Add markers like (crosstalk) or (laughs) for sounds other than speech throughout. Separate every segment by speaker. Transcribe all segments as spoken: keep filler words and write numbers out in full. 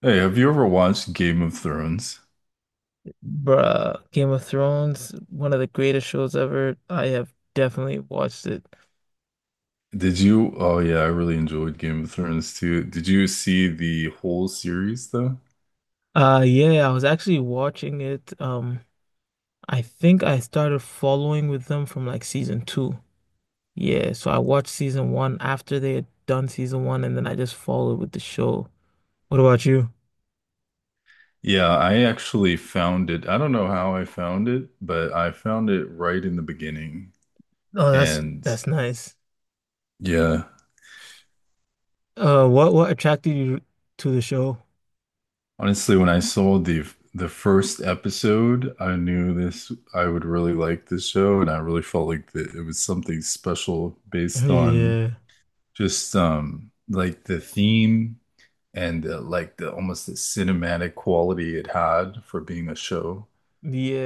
Speaker 1: Hey, have you ever watched Game of Thrones?
Speaker 2: Bruh, Game of Thrones, one of the greatest shows ever. I have definitely watched it.
Speaker 1: Did you? Oh yeah, I really enjoyed Game of Thrones too. Did you see the whole series though?
Speaker 2: Uh yeah, I was actually watching it. Um I think I started following with them from like season two. Yeah, so I watched season one after they had done season one and then I just followed with the show. What about you?
Speaker 1: Yeah, I actually found it. I don't know how I found it, but I found it right in the beginning.
Speaker 2: Oh, that's
Speaker 1: And
Speaker 2: that's nice.
Speaker 1: yeah,
Speaker 2: Uh what what attracted you to the show?
Speaker 1: honestly, when I saw the the first episode, I knew this I would really like this show, and I really felt like that it was something special
Speaker 2: (laughs)
Speaker 1: based on
Speaker 2: Yeah.
Speaker 1: just um like the theme and uh, like the almost the cinematic quality it had for being a show.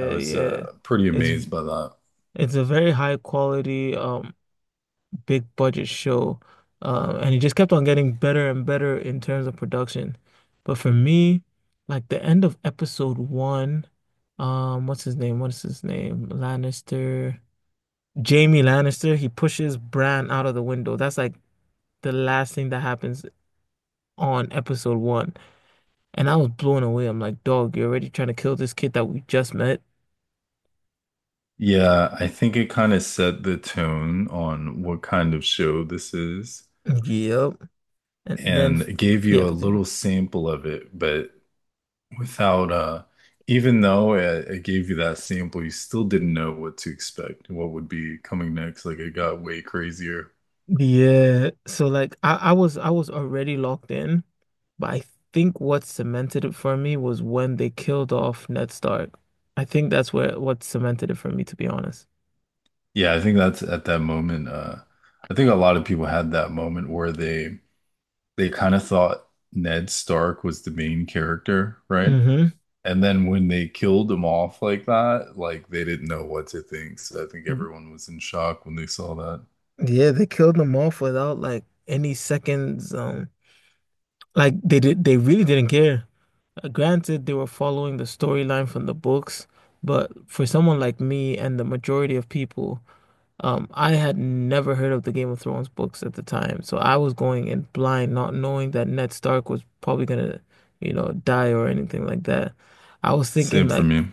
Speaker 1: I was
Speaker 2: yeah.
Speaker 1: uh, pretty
Speaker 2: It's
Speaker 1: amazed by that.
Speaker 2: it's a very high quality um big budget show. Um, and it just kept on getting better and better in terms of production. But for me, like the end of episode one, um, what's his name? What's his name? Lannister. Jamie Lannister, he pushes Bran out of the window. That's like the last thing that happens on episode one. And I was blown away. I'm like, dog, you're already trying to kill this kid that we just met.
Speaker 1: Yeah, I think it kind of set the tone on what kind of show this is,
Speaker 2: Yep. And then,
Speaker 1: and it gave
Speaker 2: yeah,
Speaker 1: you a
Speaker 2: continue.
Speaker 1: little sample of it, but without uh even though it, it gave you that sample, you still didn't know what to expect, what would be coming next. Like it got way crazier.
Speaker 2: Yeah, so like I, I was I was already locked in, but I think what cemented it for me was when they killed off Ned Stark. I think that's where what cemented it for me, to be honest.
Speaker 1: Yeah, I think that's at that moment. Uh, I think a lot of people had that moment where they they kind of thought Ned Stark was the main character, right?
Speaker 2: Hmm.
Speaker 1: And then when they killed him off like that, like they didn't know what to think. So I think everyone was in shock when they saw that.
Speaker 2: Yeah, they killed them off without like any seconds. Um, like they did, they really didn't care. Uh, Granted, they were following the storyline from the books, but for someone like me and the majority of people. Um, I had never heard of the Game of Thrones books at the time, so I was going in blind, not knowing that Ned Stark was probably gonna, you know, die or anything like that. I was thinking
Speaker 1: Same for
Speaker 2: like
Speaker 1: me.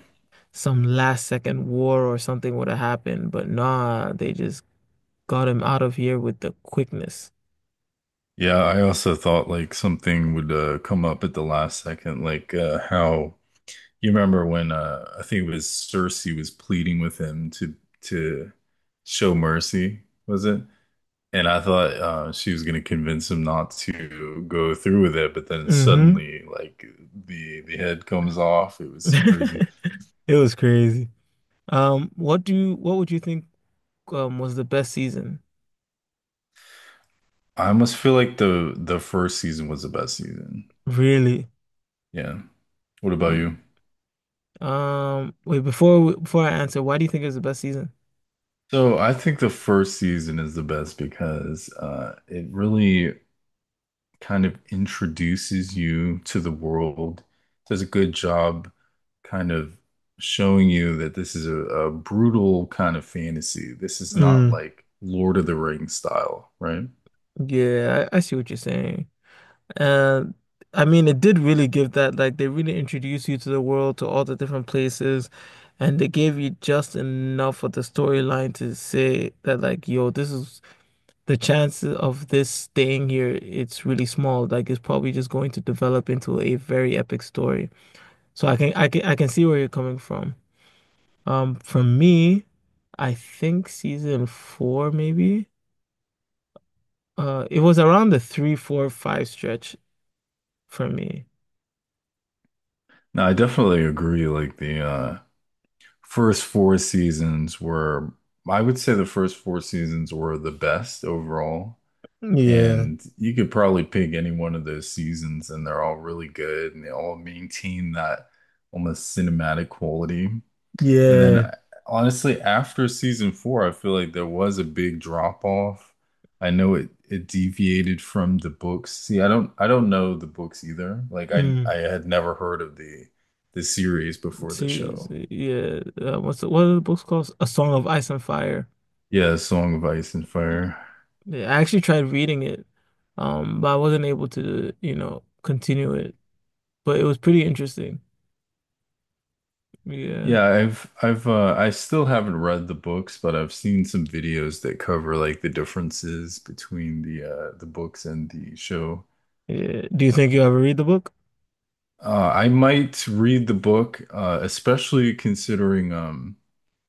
Speaker 2: some last second war or something would have happened, but nah, they just got him out of here with the quickness.
Speaker 1: Yeah, I also thought like something would uh, come up at the last second, like uh, how you remember when uh, I think it was Cersei was pleading with him to to show mercy, was it? And I thought uh, she was going to convince him not to go through with it, but then
Speaker 2: Hmm.
Speaker 1: suddenly, like the the head comes off. It was crazy.
Speaker 2: (laughs) It was crazy. Um, what do you, what would you think um was the best season?
Speaker 1: I almost feel like the the first season was the best season.
Speaker 2: Really?
Speaker 1: Yeah. What about you?
Speaker 2: Um, wait, before before I answer, why do you think it was the best season?
Speaker 1: So I think the first season is the best because uh, it really kind of introduces you to the world, does a good job kind of showing you that this is a, a brutal kind of fantasy. This is not
Speaker 2: Mm.
Speaker 1: like Lord of the Rings style, right?
Speaker 2: Yeah, I, I see what you're saying. Uh, I mean, it did really give that, like, they really introduced you to the world, to all the different places, and they gave you just enough of the storyline to say that, like, yo, this is the chances of this staying here, it's really small. Like it's probably just going to develop into a very epic story. So I can I can I can see where you're coming from. Um, for me, I think season four maybe. Uh, it was around the three, four, five stretch for me.
Speaker 1: Now, I definitely agree. Like the uh, first four seasons were, I would say the first four seasons were the best overall.
Speaker 2: Yeah.
Speaker 1: And you could probably pick any one of those seasons, and they're all really good, and they all maintain that almost cinematic quality. And
Speaker 2: Yeah.
Speaker 1: then honestly, after season four, I feel like there was a big drop off. I know it it deviated from the books. See, I don't I don't know the books either. Like I
Speaker 2: Mm,
Speaker 1: I had never heard of the the series before the
Speaker 2: series,
Speaker 1: show.
Speaker 2: yeah. Uh, what's the, what are the books called? A Song of Ice and Fire.
Speaker 1: Yeah, Song of Ice and Fire.
Speaker 2: Yeah, I actually tried reading it, um, but I wasn't able to, you know, continue it. But it was pretty interesting. Yeah.
Speaker 1: Yeah, I've I've uh I still haven't read the books, but I've seen some videos that cover like the differences between the uh the books and the show.
Speaker 2: Yeah. Do you think you ever read the book?
Speaker 1: Uh, I might read the book, uh, especially considering um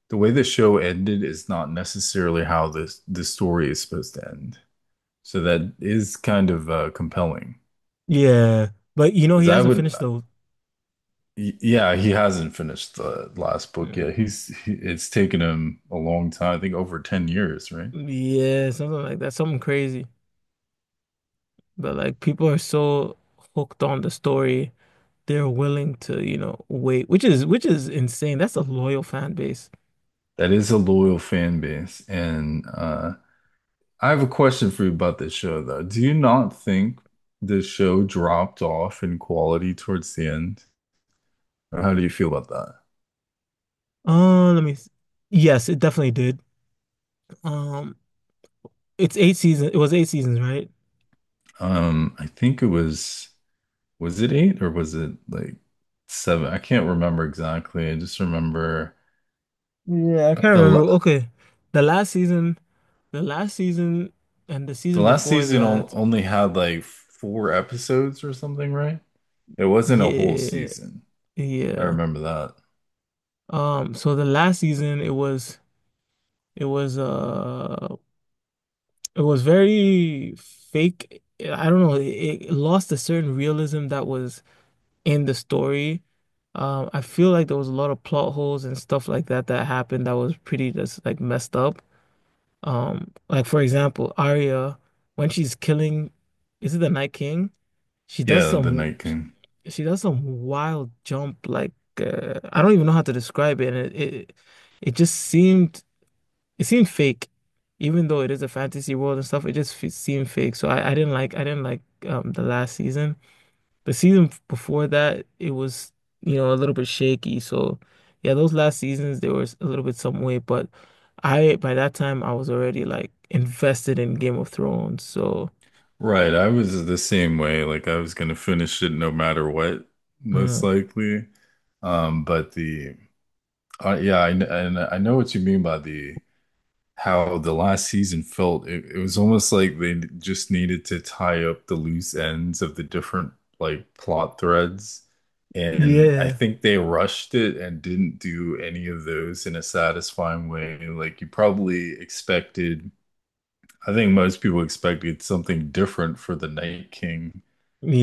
Speaker 1: the way the show ended is not necessarily how this the story is supposed to end. So that is kind of uh, compelling
Speaker 2: Yeah. But you know,
Speaker 1: because
Speaker 2: he
Speaker 1: I
Speaker 2: hasn't
Speaker 1: would,
Speaker 2: finished those.
Speaker 1: yeah, he hasn't finished the last book
Speaker 2: Mm.
Speaker 1: yet. He's he, it's taken him a long time. I think over ten years, right?
Speaker 2: Yeah, something like that. Something crazy. But like people are so hooked on the story, they're willing to, you know, wait, which is which is insane. That's a loyal fan base.
Speaker 1: That is a loyal fan base, and uh, I have a question for you about this show though. Do you not think the show dropped off in quality towards the end? Or how do you feel about that?
Speaker 2: Uh, let me s- Yes, it definitely did. Um, it's eight seasons. It was eight seasons, right?
Speaker 1: Um, I think it was. Was it eight or was it like seven? I can't remember exactly. I just remember
Speaker 2: Yeah, I can't
Speaker 1: the
Speaker 2: remember.
Speaker 1: la-
Speaker 2: Okay. The last season, the last season and the
Speaker 1: the
Speaker 2: season
Speaker 1: last
Speaker 2: before
Speaker 1: season on-
Speaker 2: that.
Speaker 1: only had like four episodes or something, right? It wasn't a whole
Speaker 2: Yeah,
Speaker 1: season. I
Speaker 2: yeah.
Speaker 1: remember that.
Speaker 2: Um, so the last season it was it was uh it was very fake. I don't know, it, it lost a certain realism that was in the story. Um, I feel like there was a lot of plot holes and stuff like that that happened that was pretty just like messed up. Um, like for example, Arya when she's killing, is it the Night King? She does
Speaker 1: Yeah, the
Speaker 2: some
Speaker 1: Night King.
Speaker 2: she does some wild jump like, uh, I don't even know how to describe it. And, it, it it just seemed, it seemed fake, even though it is a fantasy world and stuff. It just fe seemed fake. So, I, I didn't like I didn't like um the last season. The season f- before that it was, you know, a little bit shaky. So yeah, those last seasons they were s- a little bit some way, but I by that time I was already like invested in Game of Thrones. So
Speaker 1: Right, I was the same way. Like I was gonna finish it no matter what, most
Speaker 2: uh,
Speaker 1: likely. Um, but the uh, yeah, I, kn- I I know what you mean by the how the last season felt. It, it was almost like they just needed to tie up the loose ends of the different like plot threads. And I
Speaker 2: yeah.
Speaker 1: think they rushed it and didn't do any of those in a satisfying way. Like you probably expected, I think most people expected something different for the Night King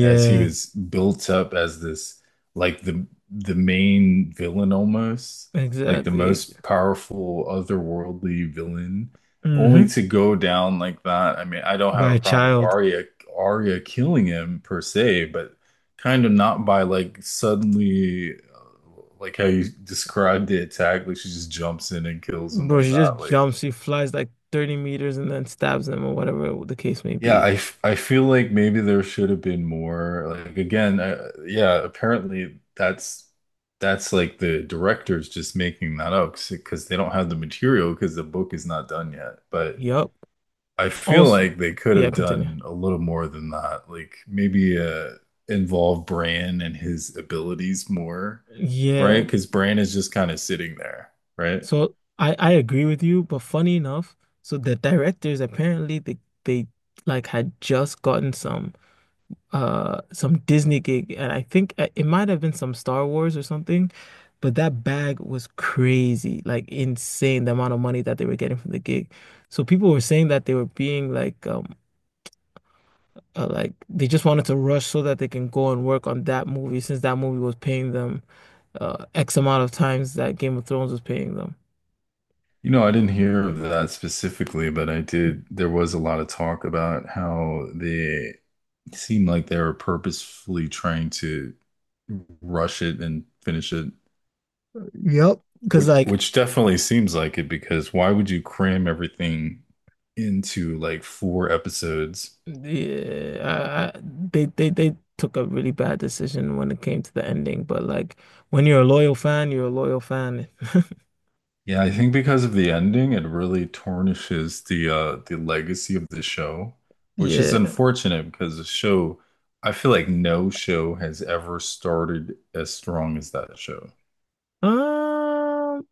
Speaker 1: as he was built up as this like the the main villain, almost like the
Speaker 2: Exactly.
Speaker 1: most powerful otherworldly villain, only
Speaker 2: Hmm.
Speaker 1: to go down like that. I mean, I don't have
Speaker 2: By
Speaker 1: a
Speaker 2: a
Speaker 1: problem with
Speaker 2: child.
Speaker 1: Arya Arya killing him per se, but kind of not by like suddenly, uh, like how you described the attack, like she just jumps in and kills him
Speaker 2: Bro,
Speaker 1: like
Speaker 2: she just
Speaker 1: that. Like
Speaker 2: jumps, she flies like thirty meters and then stabs them or whatever the case may
Speaker 1: yeah,
Speaker 2: be.
Speaker 1: I, f- I feel like maybe there should have been more. Like again, uh, yeah, apparently that's that's like the director's just making that up because they don't have the material because the book is not done yet. But
Speaker 2: Yup.
Speaker 1: I feel
Speaker 2: Also,
Speaker 1: like they could
Speaker 2: yeah,
Speaker 1: have
Speaker 2: continue.
Speaker 1: done a little more than that. Like maybe uh involve Bran and his abilities more, right?
Speaker 2: Yeah.
Speaker 1: Because Bran is just kind of sitting there, right?
Speaker 2: So I I agree with you, but funny enough, so the directors apparently they they like had just gotten some. Uh some Disney gig and I think, uh, it might have been some Star Wars or something, but that bag was crazy, like insane the amount of money that they were getting from the gig. So people were saying that they were being like um uh, like they just wanted to rush so that they can go and work on that movie since that movie was paying them uh X amount of times that Game of Thrones was paying them.
Speaker 1: You know, I didn't hear of that specifically, but I did. There was a lot of talk about how the seemed like they were purposefully trying to rush it and finish it,
Speaker 2: Yep. Because
Speaker 1: which
Speaker 2: like,
Speaker 1: which definitely seems like it, because why would you cram everything into like four episodes?
Speaker 2: yeah, I, I, they they they took a really bad decision when it came to the ending. But like, when you're a loyal fan, you're a loyal fan. (laughs)
Speaker 1: Yeah, I think because of the ending, it really tarnishes the uh the legacy of the show, which is
Speaker 2: Yeah.
Speaker 1: unfortunate because the show, I feel like no show has ever started as strong as that show.
Speaker 2: Um,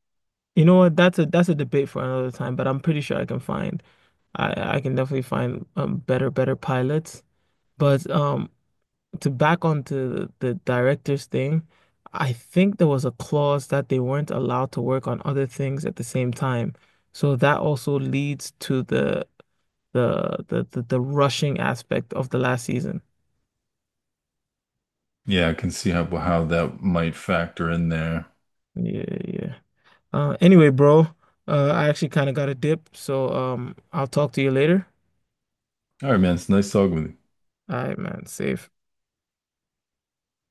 Speaker 2: you know what? That's a that's a debate for another time. But I'm pretty sure I can find, I I can definitely find um better better pilots. But um, to back onto the, the director's thing, I think there was a clause that they weren't allowed to work on other things at the same time. So that also leads to the the the the, the rushing aspect of the last season.
Speaker 1: Yeah, I can see how how that might factor in there.
Speaker 2: Yeah, yeah. Uh, anyway, bro, uh, I actually kind of got a dip, so um, I'll talk to you later.
Speaker 1: All right, man, it's nice talking with you.
Speaker 2: All right, man, safe.